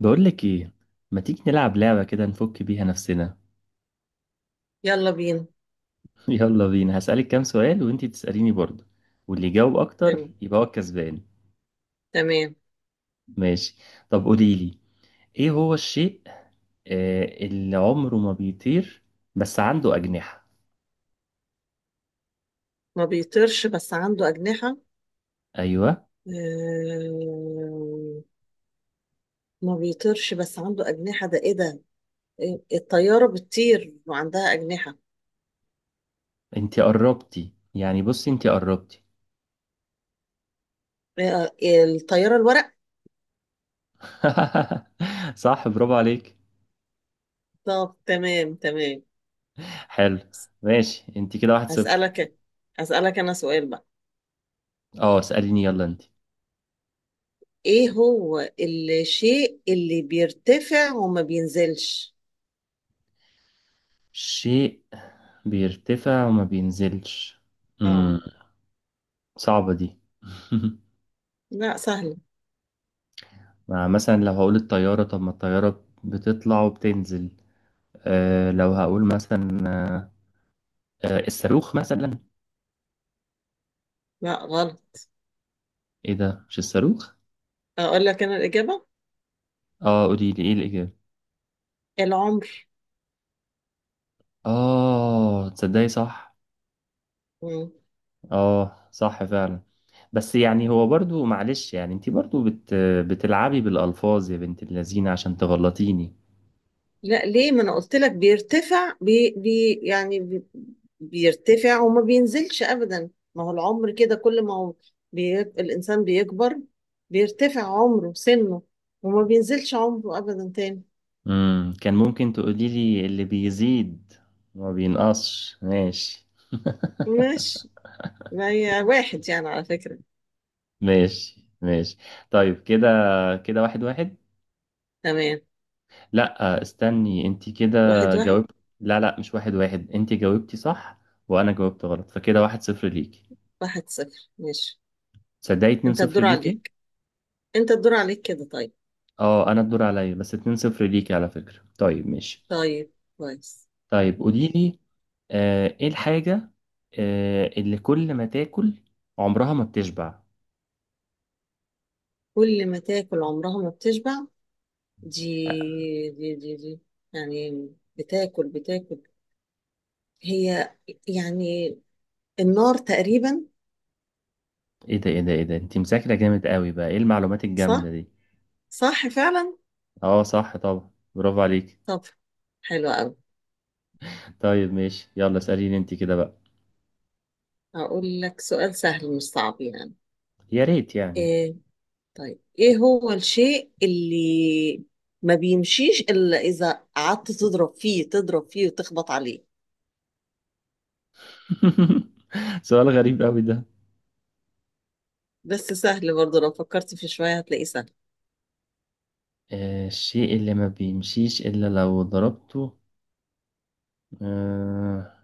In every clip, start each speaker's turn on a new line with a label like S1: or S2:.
S1: بقول لك ايه، ما تيجي نلعب لعبة كده نفك بيها نفسنا؟
S2: يلا بينا.
S1: يلا بينا، هسألك كام سؤال وانتي تسأليني برضه، واللي يجاوب اكتر
S2: تم-
S1: يبقى هو الكسبان.
S2: تمام.
S1: ماشي. طب قولي لي، ايه هو الشيء اللي عمره ما بيطير بس عنده أجنحة؟
S2: ما بيطيرش بس عنده أجنحة؟
S1: ايوه.
S2: آه، ما بيطيرش بس عنده أجنحة، ده إيه ده؟ الطيارة بتطير وعندها أجنحة.
S1: انتي قربتي، يعني بصي انتي قربتي.
S2: آه، الطيارة الورق.
S1: صح، برافو عليك.
S2: طب تمام.
S1: حلو. ماشي، انتي كده واحد صفر.
S2: هسألك، أنا سؤال بقى.
S1: اه، اسأليني، يلا انتي.
S2: إيه هو الشيء اللي بيرتفع وما بينزلش؟
S1: شيء بيرتفع وما بينزلش.
S2: اه.
S1: مم. صعبة دي.
S2: لا، سهل.
S1: مع مثلا لو هقول الطيارة، طب ما الطيارة بتطلع وبتنزل. لو هقول مثلا، الصاروخ مثلا.
S2: لا، غلط.
S1: ايه ده، مش الصاروخ؟
S2: أقول لك أنا الإجابة،
S1: اه، قولي لي ايه الإجابة.
S2: العمر.
S1: اه تصدقي، صح. اه صح فعلا. بس يعني هو برضو معلش، يعني انتي برضو بتلعبي بالألفاظ يا بنت اللذينة عشان تغلطيني.
S2: لا، ليه؟ ما انا قلت لك بيرتفع، بي بي يعني بيرتفع وما بينزلش ابدا، ما هو العمر كده، كل ما هو الانسان بيكبر بيرتفع عمره سنه وما بينزلش عمره ابدا تاني.
S1: كان ممكن تقولي لي اللي بيزيد ما بينقصش. ماشي
S2: ماشي، ما هي واحد يعني على فكرة.
S1: ماشي ماشي. طيب كده، كده واحد واحد.
S2: تمام.
S1: لا، استني انت كده،
S2: واحد واحد.
S1: جاوبت. لا لا، مش واحد واحد، انت جاوبتي صح وانا جاوبت غلط، فكده واحد صفر ليكي.
S2: واحد صفر ماشي.
S1: تصدقي اتنين
S2: انت
S1: صفر
S2: الدور
S1: ليكي.
S2: عليك، كده طيب.
S1: اه، انا الدور عليا بس اتنين صفر ليكي على فكرة. طيب ماشي.
S2: طيب. كويس.
S1: طيب قولي لي، ايه الحاجة اللي كل ما تاكل عمرها ما بتشبع؟
S2: كل ما تاكل عمرها ما بتشبع؟
S1: آه،
S2: دي، يعني بتاكل هي يعني النار تقريبا.
S1: ايه ده، ايه ده، ايه ده، انت مذاكرة جامد قوي بقى، ايه المعلومات الجامدة
S2: صح.
S1: دي؟
S2: صح فعلا.
S1: اه صح طبعا، برافو عليك.
S2: طب حلو قوي.
S1: طيب ماشي، يلا اسأليني انت كده بقى.
S2: هقول لك سؤال سهل مش صعب يعني.
S1: يا ريت يعني.
S2: ايه؟ طيب ايه هو الشيء اللي ما بيمشيش الا اذا قعدت تضرب فيه، وتخبط عليه؟
S1: سؤال غريب قوي ده.
S2: بس سهل برضه، لو فكرت فيه شوية هتلاقيه سهل.
S1: الشيء اللي ما بيمشيش إلا لو ضربته؟ آه،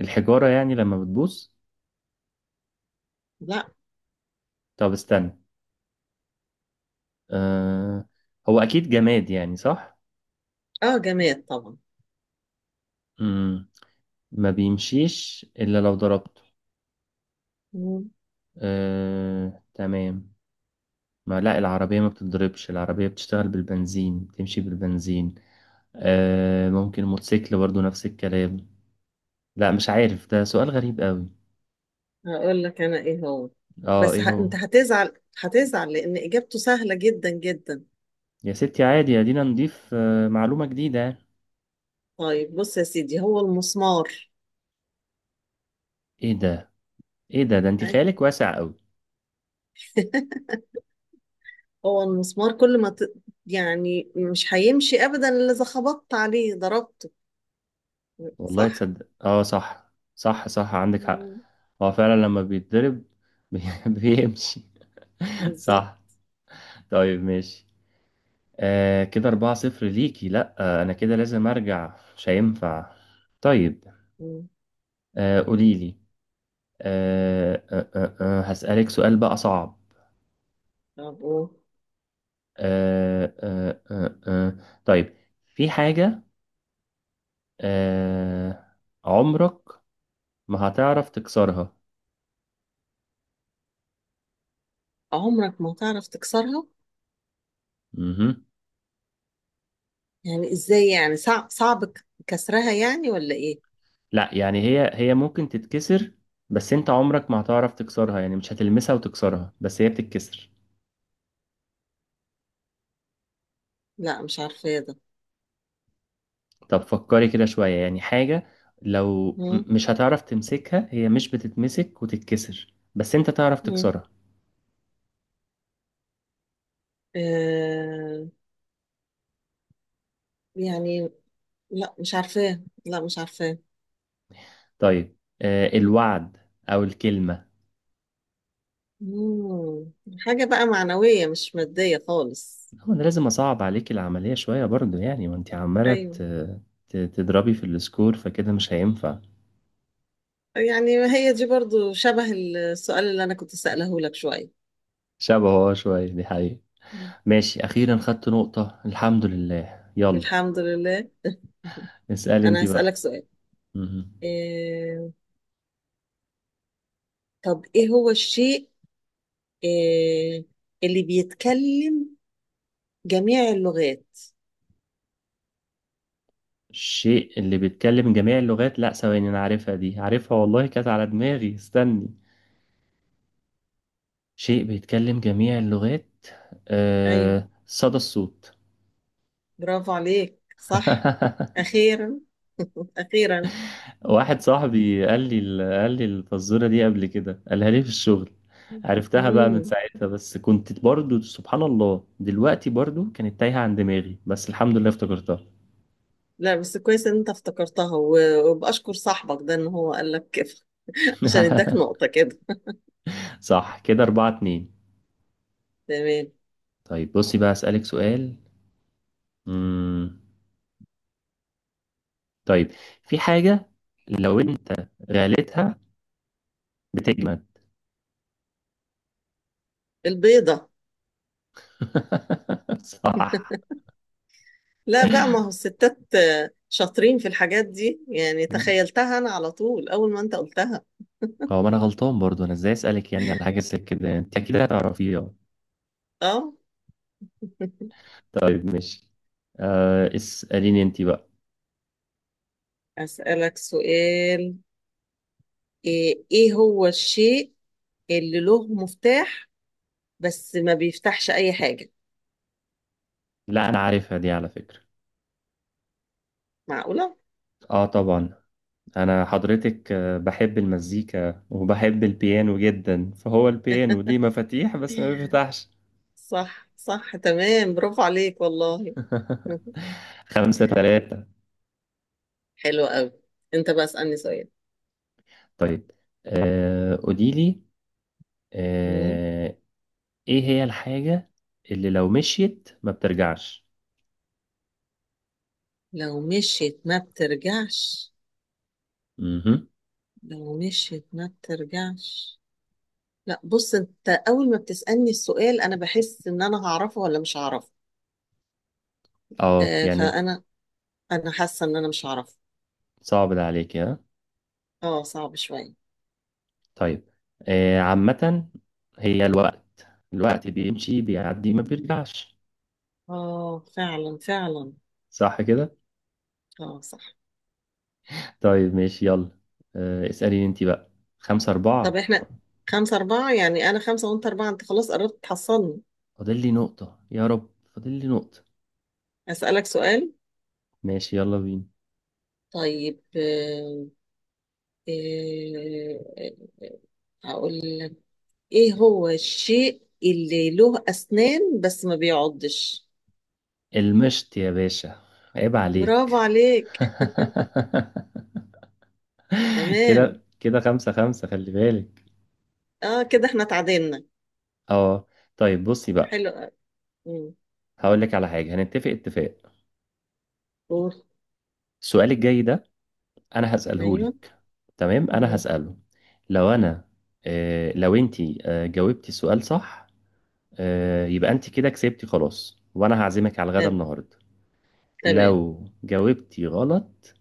S1: الحجارة يعني لما بتبوظ؟
S2: لا.
S1: طب استنى، آه، هو أكيد جماد يعني، صح؟
S2: اه، جماد طبعا.
S1: مم. ما بيمشيش إلا لو ضربته. تمام. ما لا، العربية ما بتتضربش، العربية بتشتغل بالبنزين، بتمشي بالبنزين. ممكن موتوسيكل برضو نفس الكلام. لا مش عارف، ده سؤال غريب قوي.
S2: هقول لك انا ايه هو.
S1: اه،
S2: بس
S1: ايه هو؟
S2: انت هتزعل، لان اجابته سهله جدا.
S1: يا ستي عادي، ادينا نضيف معلومة جديدة.
S2: طيب بص يا سيدي، هو المسمار.
S1: ايه ده، ايه ده، ده انت
S2: أي.
S1: خيالك واسع قوي.
S2: هو المسمار، كل ما ت... يعني مش هيمشي ابدا الا اذا خبطت عليه ضربته.
S1: والله
S2: صح.
S1: تصدق، اه صح صح صح، عندك حق.
S2: مم.
S1: هو فعلا لما بيتضرب بي- بيمشي.
S2: بالظبط.
S1: صح. طيب ماشي، كده أربعة صفر ليكي، لأ أنا كده لازم أرجع، مش هينفع. طيب،
S2: مم.
S1: قوليلي. هسألك سؤال بقى صعب.
S2: طب و-
S1: آه آه آه آه آه. طيب، في حاجة آه عمرك ما هتعرف تكسرها.
S2: عمرك ما تعرف تكسرها؟
S1: مهم.
S2: يعني ازاي يعني؟ صعب، كسرها يعني ولا ايه؟
S1: لا يعني هي ممكن تتكسر، بس انت عمرك ما هتعرف تكسرها، يعني مش هتلمسها وتكسرها بس هي بتتكسر.
S2: لا، مش عارفه ده.
S1: طب فكري كده شوية، يعني حاجة لو
S2: مم.
S1: مش هتعرف تمسكها، هي مش بتتمسك وتتكسر بس انت تعرف
S2: مم.
S1: تكسرها.
S2: آه، يعني لا مش عارفاه،
S1: طيب، الوعد او الكلمة.
S2: مم. حاجة بقى معنوية مش مادية خالص؟
S1: هو انا لازم اصعب عليك العملية شوية برضو يعني، وانت عمالة
S2: أيوة.
S1: تضربي في السكور، فكده مش هينفع.
S2: يعني هي دي برضو شبه السؤال اللي أنا كنت سأله لك شوية.
S1: شبهه، اه شوية، دي حقيقة.
S2: مم.
S1: ماشي أخيرا خدت نقطة، الحمد لله. يلا
S2: الحمد لله.
S1: اسألي انت
S2: أنا
S1: بقى.
S2: هسألك سؤال.
S1: مهم.
S2: إيه... طب إيه هو الشيء، إيه... اللي بيتكلم جميع اللغات؟
S1: الشيء اللي بيتكلم جميع اللغات؟ لا ثواني، أنا عارفها دي، عارفها والله، كانت على دماغي، استني. شيء بيتكلم جميع اللغات.
S2: أيوة.
S1: صدى الصوت.
S2: برافو عليك، صح. أخيرا، أخيرا.
S1: واحد صاحبي قال لي قال لي الفزورة دي قبل كده، قالها لي في الشغل. عرفتها بقى من
S2: مم.
S1: ساعتها، بس كنت برضو سبحان الله دلوقتي برضو كانت تايهة عن دماغي، بس الحمد لله افتكرتها.
S2: لا بس كويس ان انت افتكرتها، وبأشكر صاحبك ده ان هو قال لك كده، عشان اداك نقطة كده.
S1: صح، كده أربعة اتنين.
S2: تمام.
S1: طيب بصي بقى، أسألك سؤال. مم. طيب، في حاجة لو أنت غليتها، بتجمد.
S2: البيضة.
S1: صح.
S2: لا بقى، ما هو الستات آه، شاطرين في الحاجات دي، يعني تخيلتها أنا على طول أول ما أنت قلتها.
S1: هو ما أنا غلطان برضو، أنا إزاي أسألك يعني على حاجة زي كده، أنت أكيد هتعرفيها.
S2: أه.
S1: طيب ماشي، اسأليني أنت بقى.
S2: أسألك سؤال. إيه هو الشيء اللي له مفتاح بس ما بيفتحش أي حاجة؟
S1: لا أنا عارفها دي على فكرة.
S2: معقولة؟
S1: آه طبعا. أنا حضرتك بحب المزيكا وبحب البيانو جدا، فهو البيانو ليه مفاتيح بس ما بيفتحش.
S2: صح، صح، تمام، برافو عليك والله.
S1: خمسة تلاتة.
S2: حلو قوي. أنت بقى اسألني سؤال.
S1: طيب، قولي لي،
S2: مم.
S1: آه ايه هي الحاجة اللي لو مشيت ما بترجعش؟
S2: لو مشيت ما بترجعش،
S1: امم
S2: لو مشيت ما بترجعش لا بص، انت اول ما بتسألني السؤال انا بحس ان انا هعرفه ولا مش هعرفه.
S1: اه
S2: آه
S1: يعني
S2: فانا انا حاسه ان انا مش هعرفه.
S1: صعب ده عليك، ها؟
S2: اه، صعب شويه.
S1: طيب، عامة هي الوقت، الوقت بيمشي بيعدي ما بيرجعش.
S2: اه فعلا، فعلا.
S1: صح كده؟
S2: اه صح.
S1: طيب ماشي، يلا اسأليني انت بقى. خمسة
S2: طب
S1: أربعة.
S2: احنا خمسة أربعة، يعني أنا خمسة وأنت أربعة، أنت خلاص قربت تحصلني.
S1: فاضل لي نقطة يا رب، فاضل لي نقطة.
S2: أسألك سؤال.
S1: ماشي، يلا بينا.
S2: طيب، آه، آه، هقول لك إيه هو الشيء اللي له أسنان بس ما بيعضش؟
S1: المشط يا باشا، عيب
S2: برافو
S1: عليك.
S2: عليك.
S1: كده
S2: تمام.
S1: كده خمسة خمسة، خلي بالك.
S2: اه كده احنا اتعدلنا.
S1: اه، طيب بصي بقى،
S2: حلو قوي. مم.
S1: هقول لك على حاجة هنتفق اتفاق.
S2: قول.
S1: السؤال الجاي ده انا هسأله
S2: ايوه.
S1: لك، تمام؟ انا
S2: مم.
S1: هسأله، لو انا لو انتي جاوبتي السؤال صح، يبقى انتي كده كسبتي خلاص، وانا هعزمك على الغدا
S2: تمام.
S1: النهاردة.
S2: تمام.
S1: لو جاوبتي غلط،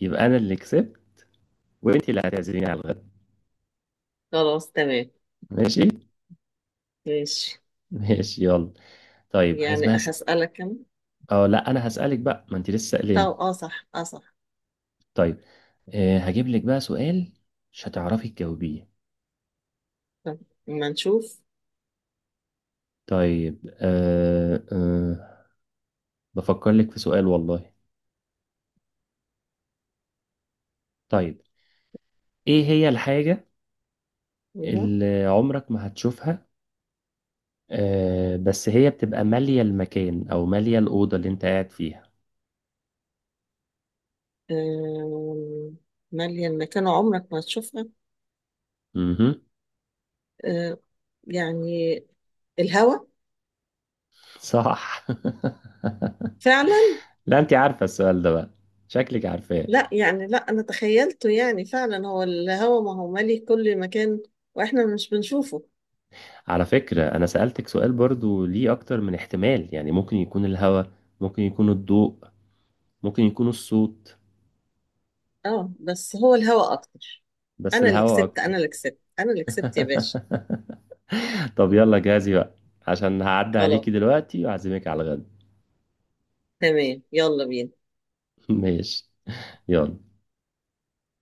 S1: يبقى انا اللي كسبت وانتي اللي هتعزميني على الغدا.
S2: خلاص تمام.
S1: ماشي.
S2: ماشي.
S1: ماشي يلا. طيب، عايز
S2: يعني
S1: بس.
S2: هسألك انا.
S1: اه لا، انا هسألك بقى، ما انتي لسه
S2: طب
S1: سألاني.
S2: اه صح، اه صح.
S1: طيب، هجيب لك بقى سؤال مش هتعرفي تجاوبيه.
S2: طب ما نشوف.
S1: طيب، أه أه بفكر لك في سؤال والله. طيب، ايه هي الحاجة
S2: ايوه.
S1: اللي عمرك ما هتشوفها، بس هي بتبقى مالية المكان او مالية الأوضة اللي انت قاعد فيها؟
S2: آم، مالية المكان عمرك ما تشوفها؟
S1: امم
S2: آه، يعني الهوا.
S1: صح.
S2: فعلا.
S1: لا انت عارفة السؤال ده بقى، شكلك عارفاه.
S2: لا يعني، لا انا تخيلته، يعني فعلا هو الهوا، ما هو مالي كل مكان واحنا مش بنشوفه.
S1: على فكرة انا سألتك سؤال برضو ليه اكتر من احتمال، يعني ممكن يكون الهواء، ممكن يكون الضوء، ممكن يكون الصوت،
S2: اه بس هو الهوا اكتر.
S1: بس
S2: انا اللي
S1: الهواء
S2: كسبت،
S1: اكتر.
S2: يا باشا.
S1: طب يلا جاهزي بقى، عشان هعدي
S2: خلاص
S1: عليكي دلوقتي وأعزمك على الغدا.
S2: تمام، يلا بينا.
S1: ماشي يلا.